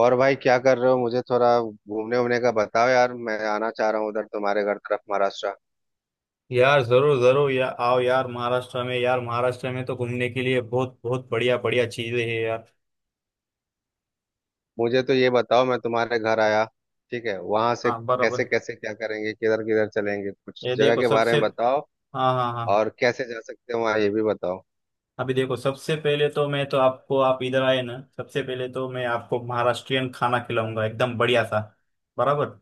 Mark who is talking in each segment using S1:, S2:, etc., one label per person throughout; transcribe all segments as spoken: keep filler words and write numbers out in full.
S1: और भाई क्या कर रहे हो? मुझे थोड़ा घूमने वूमने का बताओ यार। मैं आना चाह रहा हूँ उधर तुम्हारे घर तरफ, महाराष्ट्र।
S2: यार जरूर जरूर यार आओ। यार महाराष्ट्र में यार महाराष्ट्र में तो घूमने के लिए बहुत बहुत बढ़िया बढ़िया चीजें हैं यार।
S1: मुझे तो ये बताओ, मैं तुम्हारे घर आया, ठीक है, वहां से
S2: हाँ,
S1: कैसे
S2: बराबर।
S1: कैसे क्या करेंगे, किधर किधर चलेंगे, कुछ
S2: ये
S1: जगह
S2: देखो
S1: के बारे
S2: सबसे
S1: में बताओ।
S2: हाँ, हाँ, हाँ।
S1: और कैसे जा सकते हैं वहाँ, ये भी बताओ।
S2: अभी देखो सबसे पहले तो मैं तो आपको आप इधर आए ना, सबसे पहले तो मैं आपको महाराष्ट्रियन खाना खिलाऊंगा एकदम बढ़िया सा। बराबर।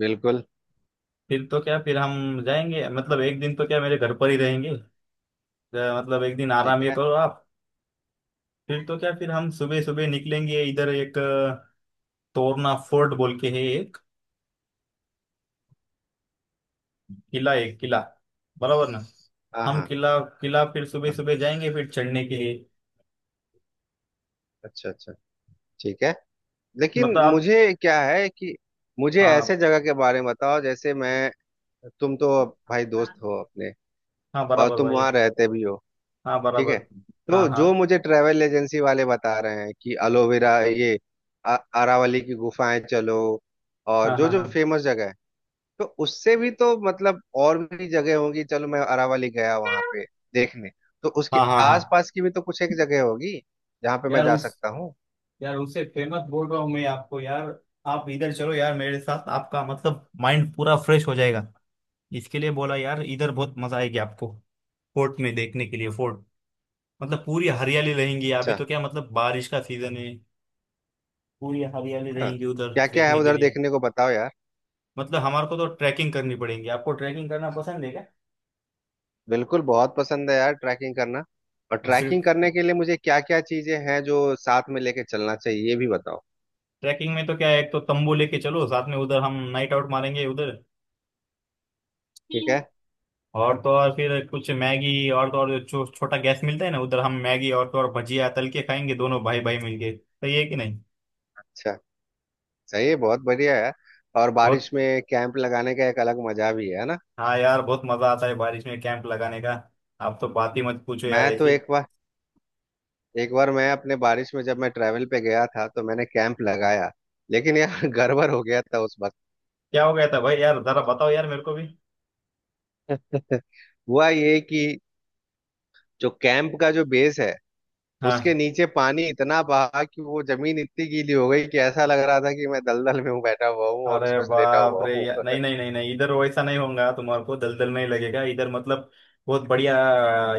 S1: बिल्कुल।
S2: फिर तो क्या, फिर हम जाएंगे मतलब एक दिन तो क्या मेरे घर पर ही रहेंगे अ, मतलब एक दिन
S1: ठीक
S2: आराम ये
S1: है।
S2: करो आप। फिर तो क्या, फिर हम सुबह सुबह निकलेंगे इधर एक अ, तोरना फोर्ट बोल के है। किला, एक किला। बराबर ना?
S1: हाँ
S2: हम
S1: हाँ
S2: किला किला फिर सुबह
S1: हाँ,
S2: सुबह जाएंगे फिर चढ़ने के लिए।
S1: अच्छा अच्छा। ठीक है। लेकिन
S2: मतलब आप
S1: मुझे क्या है कि मुझे ऐसे
S2: हाँ,
S1: जगह के बारे में बताओ जैसे मैं, तुम तो भाई दोस्त
S2: हाँ,
S1: हो अपने,
S2: हाँ,
S1: और
S2: बराबर
S1: तुम
S2: भाई।
S1: वहाँ रहते भी हो।
S2: हाँ,
S1: ठीक है।
S2: बराबर।
S1: तो
S2: हाँ,
S1: जो
S2: हाँ,
S1: मुझे ट्रैवल एजेंसी वाले बता रहे हैं कि एलोवेरा, ये अ- अरावली की गुफाएं, चलो, और
S2: हाँ,
S1: जो
S2: हाँ,
S1: जो
S2: हाँ,
S1: फेमस जगह है, तो उससे भी तो मतलब और भी जगह होगी। चलो, मैं अरावली गया वहां पे देखने, तो उसके
S2: हाँ, हाँ, हाँ।
S1: आसपास की भी तो कुछ एक जगह होगी जहाँ पे मैं
S2: यार
S1: जा
S2: उस
S1: सकता हूँ।
S2: यार उससे फेमस बोल रहा हूँ मैं आपको यार। आप इधर चलो यार मेरे साथ, आपका मतलब माइंड पूरा फ्रेश हो जाएगा। इसके लिए बोला यार, इधर बहुत मजा आएगी आपको। फोर्ट में देखने के लिए फोर्ट। मतलब पूरी हरियाली रहेंगी, अभी
S1: अच्छा।
S2: तो क्या मतलब बारिश का सीजन है। पूरी हरियाली
S1: हाँ।
S2: रहेंगी उधर
S1: क्या क्या है
S2: देखने के
S1: उधर
S2: लिए।
S1: देखने को बताओ यार।
S2: मतलब हमारे को तो ट्रैकिंग करनी पड़ेगी। आपको ट्रैकिंग करना पसंद है क्या?
S1: बिल्कुल, बहुत पसंद है यार ट्रैकिंग करना। और
S2: और सिर्फ
S1: ट्रैकिंग करने के लिए मुझे क्या क्या चीजें हैं जो साथ में लेके चलना चाहिए, ये भी बताओ।
S2: ट्रैकिंग में तो क्या है, एक तो तंबू लेके चलो साथ में, उधर हम नाइट आउट मारेंगे उधर।
S1: ठीक है।
S2: और तो और फिर कुछ मैगी, और तो और जो छो, छोटा गैस मिलता है ना, उधर हम मैगी और तो और भजिया तल के खाएंगे, दोनों भाई भाई मिलके। सही है कि नहीं?
S1: अच्छा। सही है, बहुत बढ़िया है। और
S2: बहुत।
S1: बारिश में कैंप लगाने का एक अलग मजा भी है ना।
S2: हाँ यार, बहुत मजा आता है बारिश में कैंप लगाने का। आप तो बात ही मत पूछो यार
S1: मैं तो
S2: ऐसी।
S1: एक बार एक बार मैं अपने बारिश में, जब मैं ट्रैवल पे गया था, तो मैंने कैंप लगाया, लेकिन यार गड़बड़ हो गया था उस वक्त।
S2: क्या हो गया था भाई? यार जरा बताओ यार मेरे को भी।
S1: हुआ ये कि जो कैंप का जो बेस है, उसके
S2: हाँ।
S1: नीचे पानी इतना बहा कि वो जमीन इतनी गीली हो गई कि ऐसा लग रहा था कि मैं दलदल में हूँ, बैठा हुआ हूँ और
S2: अरे
S1: उसमें से लेटा
S2: बाप
S1: हुआ
S2: रे!
S1: हूँ।
S2: या- नहीं, नहीं, नहीं, नहीं, इधर वैसा नहीं होगा। तुम्हारे को दलदल में ही लगेगा इधर मतलब। बहुत बढ़िया।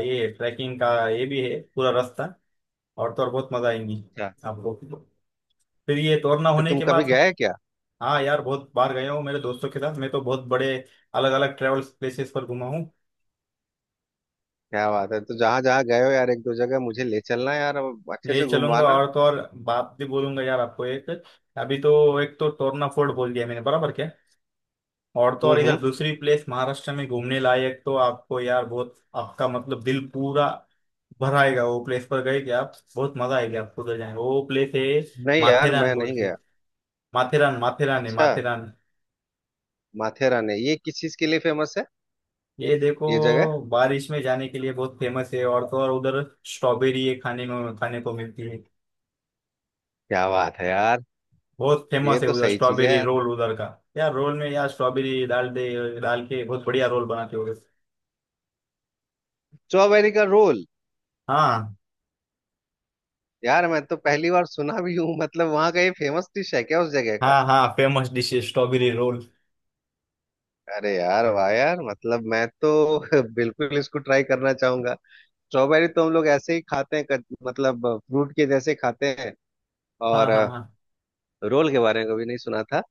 S2: ये ट्रैकिंग का ये भी है पूरा रास्ता। और तो और बहुत मजा आएंगी
S1: अच्छा।
S2: आपको। फिर ये तोरना
S1: तो
S2: होने
S1: तुम
S2: के
S1: कभी
S2: बाद
S1: गए क्या?
S2: हाँ यार, बहुत बार गया हूँ मेरे दोस्तों के साथ। मैं तो बहुत बड़े अलग अलग ट्रेवल प्लेसेस पर घुमा हूँ।
S1: क्या बात है! तो जहां जहां गए हो यार, एक दो जगह मुझे ले चलना यार, अब अच्छे
S2: ले
S1: से
S2: चलूंगा,
S1: घुमवाना।
S2: और तो और बात भी बोलूंगा यार आपको एक। अभी तो एक तो तोरना फोर्ट बोल दिया मैंने, बराबर क्या? और तो
S1: हम्म
S2: और इधर
S1: हम्म।
S2: दूसरी प्लेस महाराष्ट्र में घूमने लायक तो आपको यार बहुत, आपका मतलब दिल पूरा भरा आएगा। वो प्लेस पर गए क्या आप? बहुत मजा आएगी आपको उधर जाएंगे, वो प्लेस है
S1: नहीं यार,
S2: माथेरान
S1: मैं
S2: बोल
S1: नहीं
S2: के।
S1: गया।
S2: माथेरान, माथेरान है
S1: अच्छा।
S2: माथेरान।
S1: माथेरान है, ये किस चीज के लिए फेमस है
S2: ये देखो
S1: ये जगह?
S2: बारिश में जाने के लिए बहुत फेमस है, और तो और उधर स्ट्रॉबेरी है खाने में, खाने को मिलती है।
S1: क्या बात है यार!
S2: बहुत
S1: ये
S2: फेमस है
S1: तो
S2: उधर
S1: सही चीज है
S2: स्ट्रॉबेरी
S1: यार।
S2: रोल उधर का। यार रोल में यार स्ट्रॉबेरी डाल दे, डाल के बहुत बढ़िया रोल बनाते हो।
S1: स्ट्रॉबेरी का रोल?
S2: हाँ,
S1: यार मैं तो पहली बार सुना भी हूँ। मतलब वहाँ का ये फेमस डिश है क्या उस जगह का?
S2: हाँ, हाँ, फेमस डिश है स्ट्रॉबेरी रोल।
S1: अरे यार वाह यार! मतलब मैं तो बिल्कुल इसको ट्राई करना चाहूंगा। स्ट्रॉबेरी तो हम लोग ऐसे ही खाते हैं, कट- मतलब फ्रूट के जैसे खाते हैं।
S2: हाँ,
S1: और
S2: हाँ,
S1: अ,
S2: हाँ,
S1: रोल के बारे में कभी नहीं सुना था।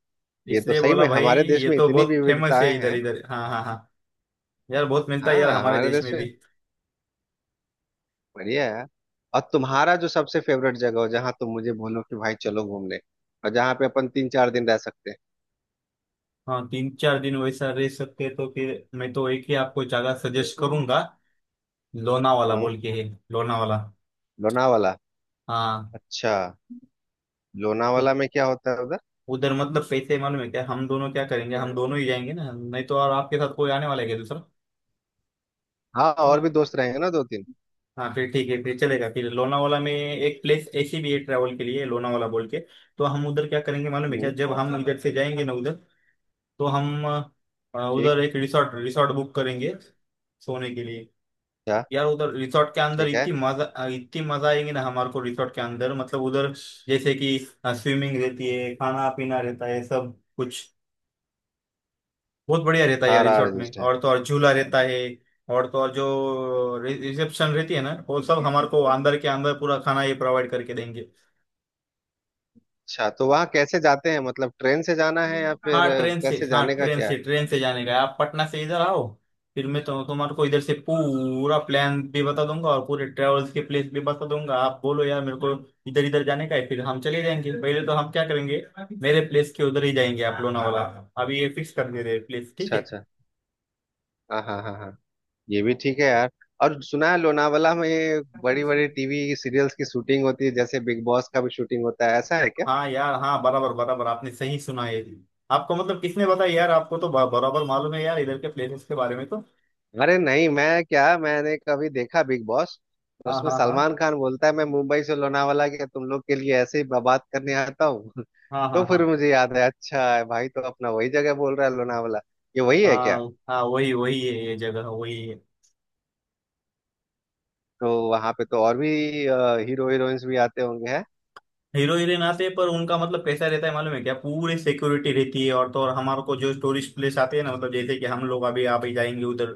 S1: ये तो
S2: इसलिए
S1: सही
S2: बोला
S1: में
S2: भाई,
S1: हमारे देश
S2: ये
S1: में
S2: तो
S1: इतनी
S2: बहुत फेमस है
S1: विविधताएं
S2: इधर
S1: हैं।
S2: इधर। हाँ, हाँ, हाँ। यार बहुत मिलता है यार
S1: हाँ
S2: हमारे
S1: हमारे
S2: देश
S1: देश
S2: में
S1: में।
S2: भी।
S1: बढ़िया है। और तुम्हारा जो सबसे फेवरेट जगह हो, जहाँ तुम मुझे बोलो कि भाई चलो घूमने, और जहाँ पे अपन तीन चार दिन रह सकते हैं।
S2: हाँ, तीन चार दिन वैसा रह सकते हैं तो फिर मैं तो एक ही आपको जगह सजेस्ट करूंगा, लोनावाला
S1: हम्म।
S2: बोल के है। लोनावाला।
S1: लोनावाला।
S2: हाँ।
S1: अच्छा।
S2: उ-
S1: लोनावाला में क्या होता है उधर?
S2: उधर मतलब पैसे मालूम है क्या? हम दोनों क्या करेंगे? हम दोनों ही जाएंगे ना, नहीं तो और आपके साथ कोई आने वाला है क्या दूसरा?
S1: हाँ, और भी दोस्त रहेंगे ना, दो तीन।
S2: हाँ फिर ठीक है, फिर चलेगा। फिर लोनावाला में एक प्लेस ऐसी भी है ट्रैवल के लिए, लोनावाला बोल के। तो हम उधर क्या करेंगे मालूम है क्या?
S1: हम्म।
S2: जब हम इधर से जाएंगे ना उधर, तो हम अ,
S1: ठीक।
S2: उधर एक रिसोर्ट रिसोर्ट बुक करेंगे सोने के लिए।
S1: अच्छा।
S2: यार उधर रिसोर्ट के अंदर
S1: ठीक है।
S2: इतनी मजा, इतनी मजा आएगी ना हमारे को, रिसोर्ट के अंदर मतलब उधर, जैसे कि स्विमिंग रहती है, खाना पीना रहता है सब कुछ। बहुत बढ़िया रहता है यार
S1: सारा
S2: रिसोर्ट
S1: अरेंज्ड
S2: में,
S1: है।
S2: और तो और झूला रहता है। और तो और जो रिसेप्शन रहती है ना, वो सब हमारे को अंदर के अंदर पूरा खाना ये प्रोवाइड करके देंगे।
S1: अच्छा, तो वहाँ कैसे जाते हैं? मतलब ट्रेन से जाना है या फिर
S2: हाँ,
S1: अ,
S2: ट्रेन से,
S1: कैसे
S2: हाँ
S1: जाने का
S2: ट्रेन
S1: क्या है?
S2: से, ट्रेन से जाने का है। आप पटना से इधर आओ, फिर मैं तो तुम्हारे को इधर से पूरा प्लान भी बता दूंगा और पूरे ट्रेवल्स के प्लेस भी बता दूंगा। आप बोलो यार मेरे को, इधर इधर जाने का है, फिर हम चले जाएंगे। पहले तो हम क्या करेंगे, मेरे प्लेस के उधर ही जाएंगे आप, लोनावाला। अभी ये फिक्स कर दे रहे प्लेस, ठीक
S1: अच्छा
S2: है।
S1: अच्छा। हाँ हाँ हाँ हाँ। ये भी ठीक है यार। और सुना है लोनावाला में बड़ी बड़ी टीवी सीरियल्स की शूटिंग होती है, जैसे बिग बॉस का भी शूटिंग होता है, ऐसा है क्या?
S2: हाँ यार, हाँ बराबर, बराबर, आपने सही सुना है। आपको मतलब किसने बताया यार? आपको तो ब- बराबर मालूम है यार इधर के प्लेसेस के बारे में तो।
S1: अरे नहीं, मैं क्या, मैंने कभी देखा बिग बॉस, तो
S2: हाँ,
S1: उसमें
S2: हाँ, हाँ,
S1: सलमान खान बोलता है, मैं मुंबई से लोनावाला गया तुम लोग के लिए ऐसे ही बात करने आता हूँ।
S2: हाँ,
S1: तो
S2: हाँ, हाँ,
S1: फिर मुझे याद है, अच्छा है भाई, तो अपना वही जगह बोल रहा है, लोनावाला। ये वही है
S2: हाँ,
S1: क्या?
S2: हाँ, वही वही है ये जगह, वही है।
S1: तो वहां पे तो और भी अ, हीरो हीरोइंस भी आते होंगे हैं।
S2: हीरो हीरोइन आते हैं पर उनका मतलब कैसा रहता है मालूम है क्या? पूरी सिक्योरिटी रहती है, और तो और हमारे को जो टूरिस्ट प्लेस आते हैं ना, मतलब जैसे कि हम लोग अभी आप ही जाएंगे उधर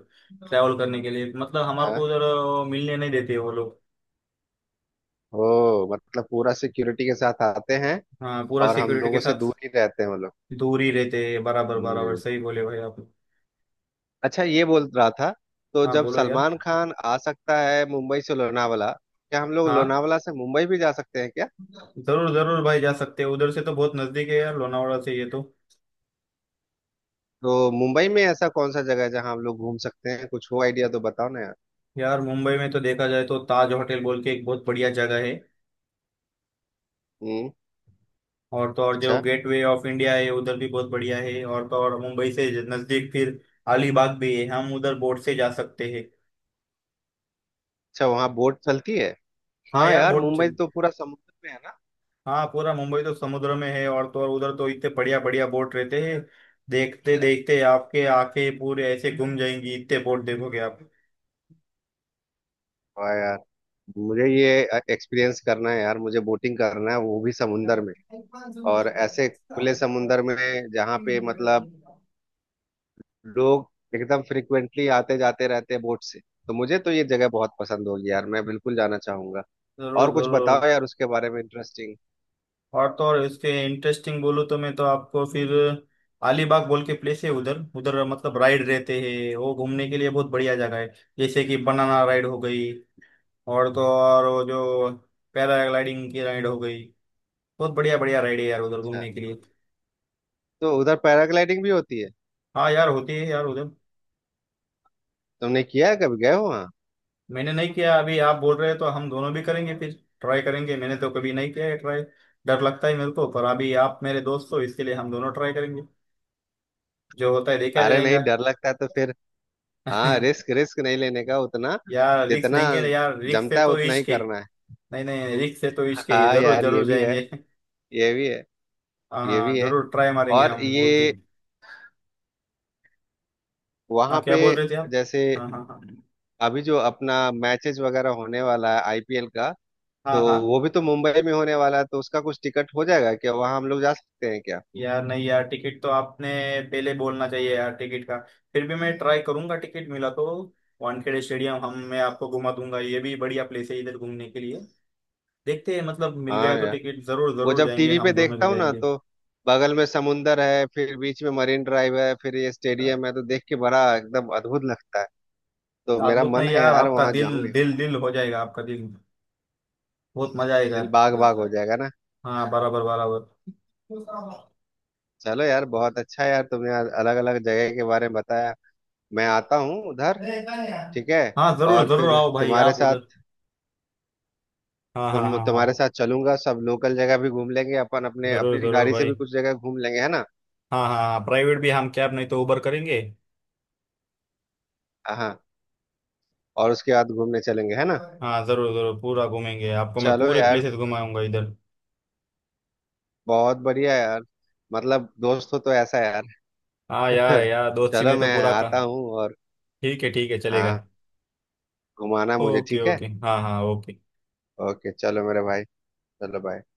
S2: ट्रैवल करने के लिए, मतलब हमारे को
S1: हाँ।
S2: उधर अ, मिलने नहीं देते वो लोग।
S1: ओ, मतलब पूरा सिक्योरिटी के साथ आते हैं।
S2: हाँ, पूरा
S1: और हम
S2: सिक्योरिटी के
S1: लोगों से
S2: साथ
S1: दूर ही रहते हैं वो लोग।
S2: दूर ही रहते हैं, बराबर, बराबर,
S1: हम्म।
S2: सही बोले भाई आप।
S1: अच्छा, ये बोल रहा था, तो
S2: हाँ
S1: जब
S2: बोलो
S1: सलमान
S2: यार।
S1: खान आ सकता है मुंबई से लोनावला, क्या हम लोग
S2: हाँ,
S1: लोनावला से मुंबई भी जा सकते हैं क्या?
S2: जरूर जरूर भाई, जा सकते हैं। उधर से तो बहुत नजदीक है यार लोनावाड़ा से ये तो।
S1: तो मुंबई में ऐसा कौन सा जगह है जहाँ हम लोग घूम सकते हैं? कुछ हो आइडिया तो बताओ ना यार।
S2: यार मुंबई में तो देखा जाए तो ताज होटल बोल के एक बहुत बढ़िया जगह है।
S1: हम्म।
S2: और तो और जो
S1: अच्छा।
S2: गेटवे ऑफ इंडिया है उधर भी बहुत बढ़िया है। और तो और मुंबई से नजदीक फिर अलीबाग भी है, हम उधर बोट से जा सकते हैं।
S1: अच्छा, वहाँ बोट चलती है?
S2: हाँ
S1: हाँ
S2: यार,
S1: यार,
S2: बोट
S1: मुंबई
S2: चल
S1: तो पूरा समुद्र में है ना।
S2: हाँ, पूरा मुंबई तो समुद्र में है, और तो और उधर तो इतने बढ़िया बढ़िया बोट रहते हैं। देखते देखते आपके आंखें पूरे ऐसे घूम जाएंगी, इतने बोट देखोगे आप।
S1: हाँ यार। मुझे ये एक्सपीरियंस करना है यार, मुझे बोटिंग करना है, वो भी समुंदर में, और ऐसे खुले समुंदर में, जहाँ पे मतलब लोग एकदम फ्रिक्वेंटली आते जाते रहते हैं बोट से। तो मुझे तो ये जगह बहुत पसंद होगी यार, मैं बिल्कुल जाना चाहूंगा।
S2: जरूर
S1: और कुछ
S2: जरूर।
S1: बताओ यार उसके बारे में इंटरेस्टिंग।
S2: और तो और इसके इंटरेस्टिंग बोलूँ तो मैं तो आपको फिर, अलीबाग बोल के प्लेस है उधर, उधर मतलब राइड रहते हैं वो घूमने के लिए, बहुत बढ़िया जगह है। जैसे कि बनाना राइड हो गई, और तो और वो जो पैराग्लाइडिंग की राइड हो गई, बहुत बढ़िया बढ़िया राइड है यार उधर
S1: अच्छा,
S2: घूमने के लिए।
S1: तो उधर पैराग्लाइडिंग भी होती है?
S2: हाँ यार, होती है यार उधर।
S1: तुमने किया है, कभी गए हो वहाँ?
S2: मैंने नहीं किया, अभी आप बोल रहे हैं तो हम दोनों भी करेंगे फिर, ट्राई करेंगे। मैंने तो कभी नहीं किया है ट्राई। डर लगता है मेरे को, पर अभी आप मेरे दोस्त हो इसके लिए हम दोनों ट्राई करेंगे, जो होता है देखा
S1: अरे नहीं,
S2: जाएगा।
S1: डर लगता है तो फिर। हाँ, रिस्क रिस्क नहीं लेने का उतना,
S2: यार रिक्स
S1: जितना
S2: लेंगे ना यार, रिक्स से
S1: जमता है
S2: तो
S1: उतना ही
S2: इश्क है।
S1: करना है।
S2: नहीं, नहीं, रिक्स से तो इश्क है, ये
S1: हाँ
S2: जरूर
S1: यार,
S2: जरूर
S1: ये भी है,
S2: जाएंगे।
S1: ये भी है,
S2: हाँ,
S1: ये
S2: हाँ,
S1: भी है।
S2: जरूर ट्राई मारेंगे
S1: और
S2: हम उस
S1: ये,
S2: दिन। हाँ,
S1: वहाँ
S2: क्या
S1: पे,
S2: बोल रहे थे आप?
S1: जैसे
S2: हाँ, हाँ, हाँ,
S1: अभी जो अपना मैचेस वगैरह होने वाला है आई पी एल का,
S2: हाँ,
S1: तो
S2: हाँ,
S1: वो भी तो मुंबई में होने वाला है, तो उसका कुछ टिकट हो जाएगा क्या, वहां हम लोग जा सकते हैं क्या?
S2: यार नहीं यार, टिकट तो आपने पहले बोलना चाहिए यार टिकट का। फिर भी मैं ट्राई करूंगा, टिकट मिला तो वानखेड़े स्टेडियम हम मैं आपको घुमा दूंगा, ये भी बढ़िया प्लेस है इधर घूमने के लिए। देखते हैं, मतलब मिल गया
S1: हाँ
S2: तो
S1: यार,
S2: टिकट जरूर
S1: वो
S2: जरूर
S1: जब
S2: जाएंगे,
S1: टीवी पे
S2: हम दोनों
S1: देखता
S2: भी
S1: हूँ ना,
S2: जाएंगे।
S1: तो बगल में समुंदर है, फिर बीच में मरीन ड्राइव है, फिर ये स्टेडियम है, तो देख के बड़ा एकदम अद्भुत लगता है। तो मेरा
S2: अद्भुत
S1: मन
S2: नहीं
S1: है
S2: यार,
S1: यार
S2: आपका
S1: वहां
S2: दिल
S1: जाऊं एक
S2: दिल
S1: बार।
S2: दिल हो जाएगा, आपका दिल बहुत मजा आएगा।
S1: दिल बाग बाग हो जाएगा ना।
S2: हाँ, बराबर, बराबर।
S1: चलो यार, बहुत अच्छा है यार, तुमने अलग अलग जगह के बारे में बताया। मैं आता हूँ उधर, ठीक है,
S2: हाँ, जरूर
S1: और
S2: जरूर
S1: फिर
S2: आओ भाई
S1: तुम्हारे
S2: आप
S1: साथ,
S2: उधर। हाँ, हाँ,
S1: तुम
S2: हाँ,
S1: तुम्हारे
S2: हाँ,
S1: साथ चलूंगा, सब लोकल जगह भी घूम लेंगे अपन, अपने
S2: जरूर
S1: अपनी
S2: जरूर
S1: गाड़ी से भी
S2: भाई।
S1: कुछ जगह घूम लेंगे, है ना।
S2: हाँ, हाँ, हाँ, प्राइवेट भी हम कैब, नहीं तो उबर करेंगे।
S1: हाँ। और उसके बाद घूमने चलेंगे है ना।
S2: हाँ, जरूर जरूर, पूरा घूमेंगे, आपको मैं
S1: चलो
S2: पूरे
S1: यार,
S2: प्लेसेस घुमाऊंगा इधर।
S1: बहुत बढ़िया यार, मतलब दोस्त हो तो ऐसा यार।
S2: हाँ
S1: है
S2: यार
S1: ना।
S2: है यार, दोस्ती
S1: चलो,
S2: में तो
S1: मैं
S2: पूरा का।
S1: आता हूँ और।
S2: ठीक है, ठीक है, चलेगा।
S1: हाँ। घुमाना मुझे,
S2: ओके,
S1: ठीक है।
S2: ओके, हाँ, हाँ, ओके।
S1: ओके, चलो मेरे भाई, चलो बाय।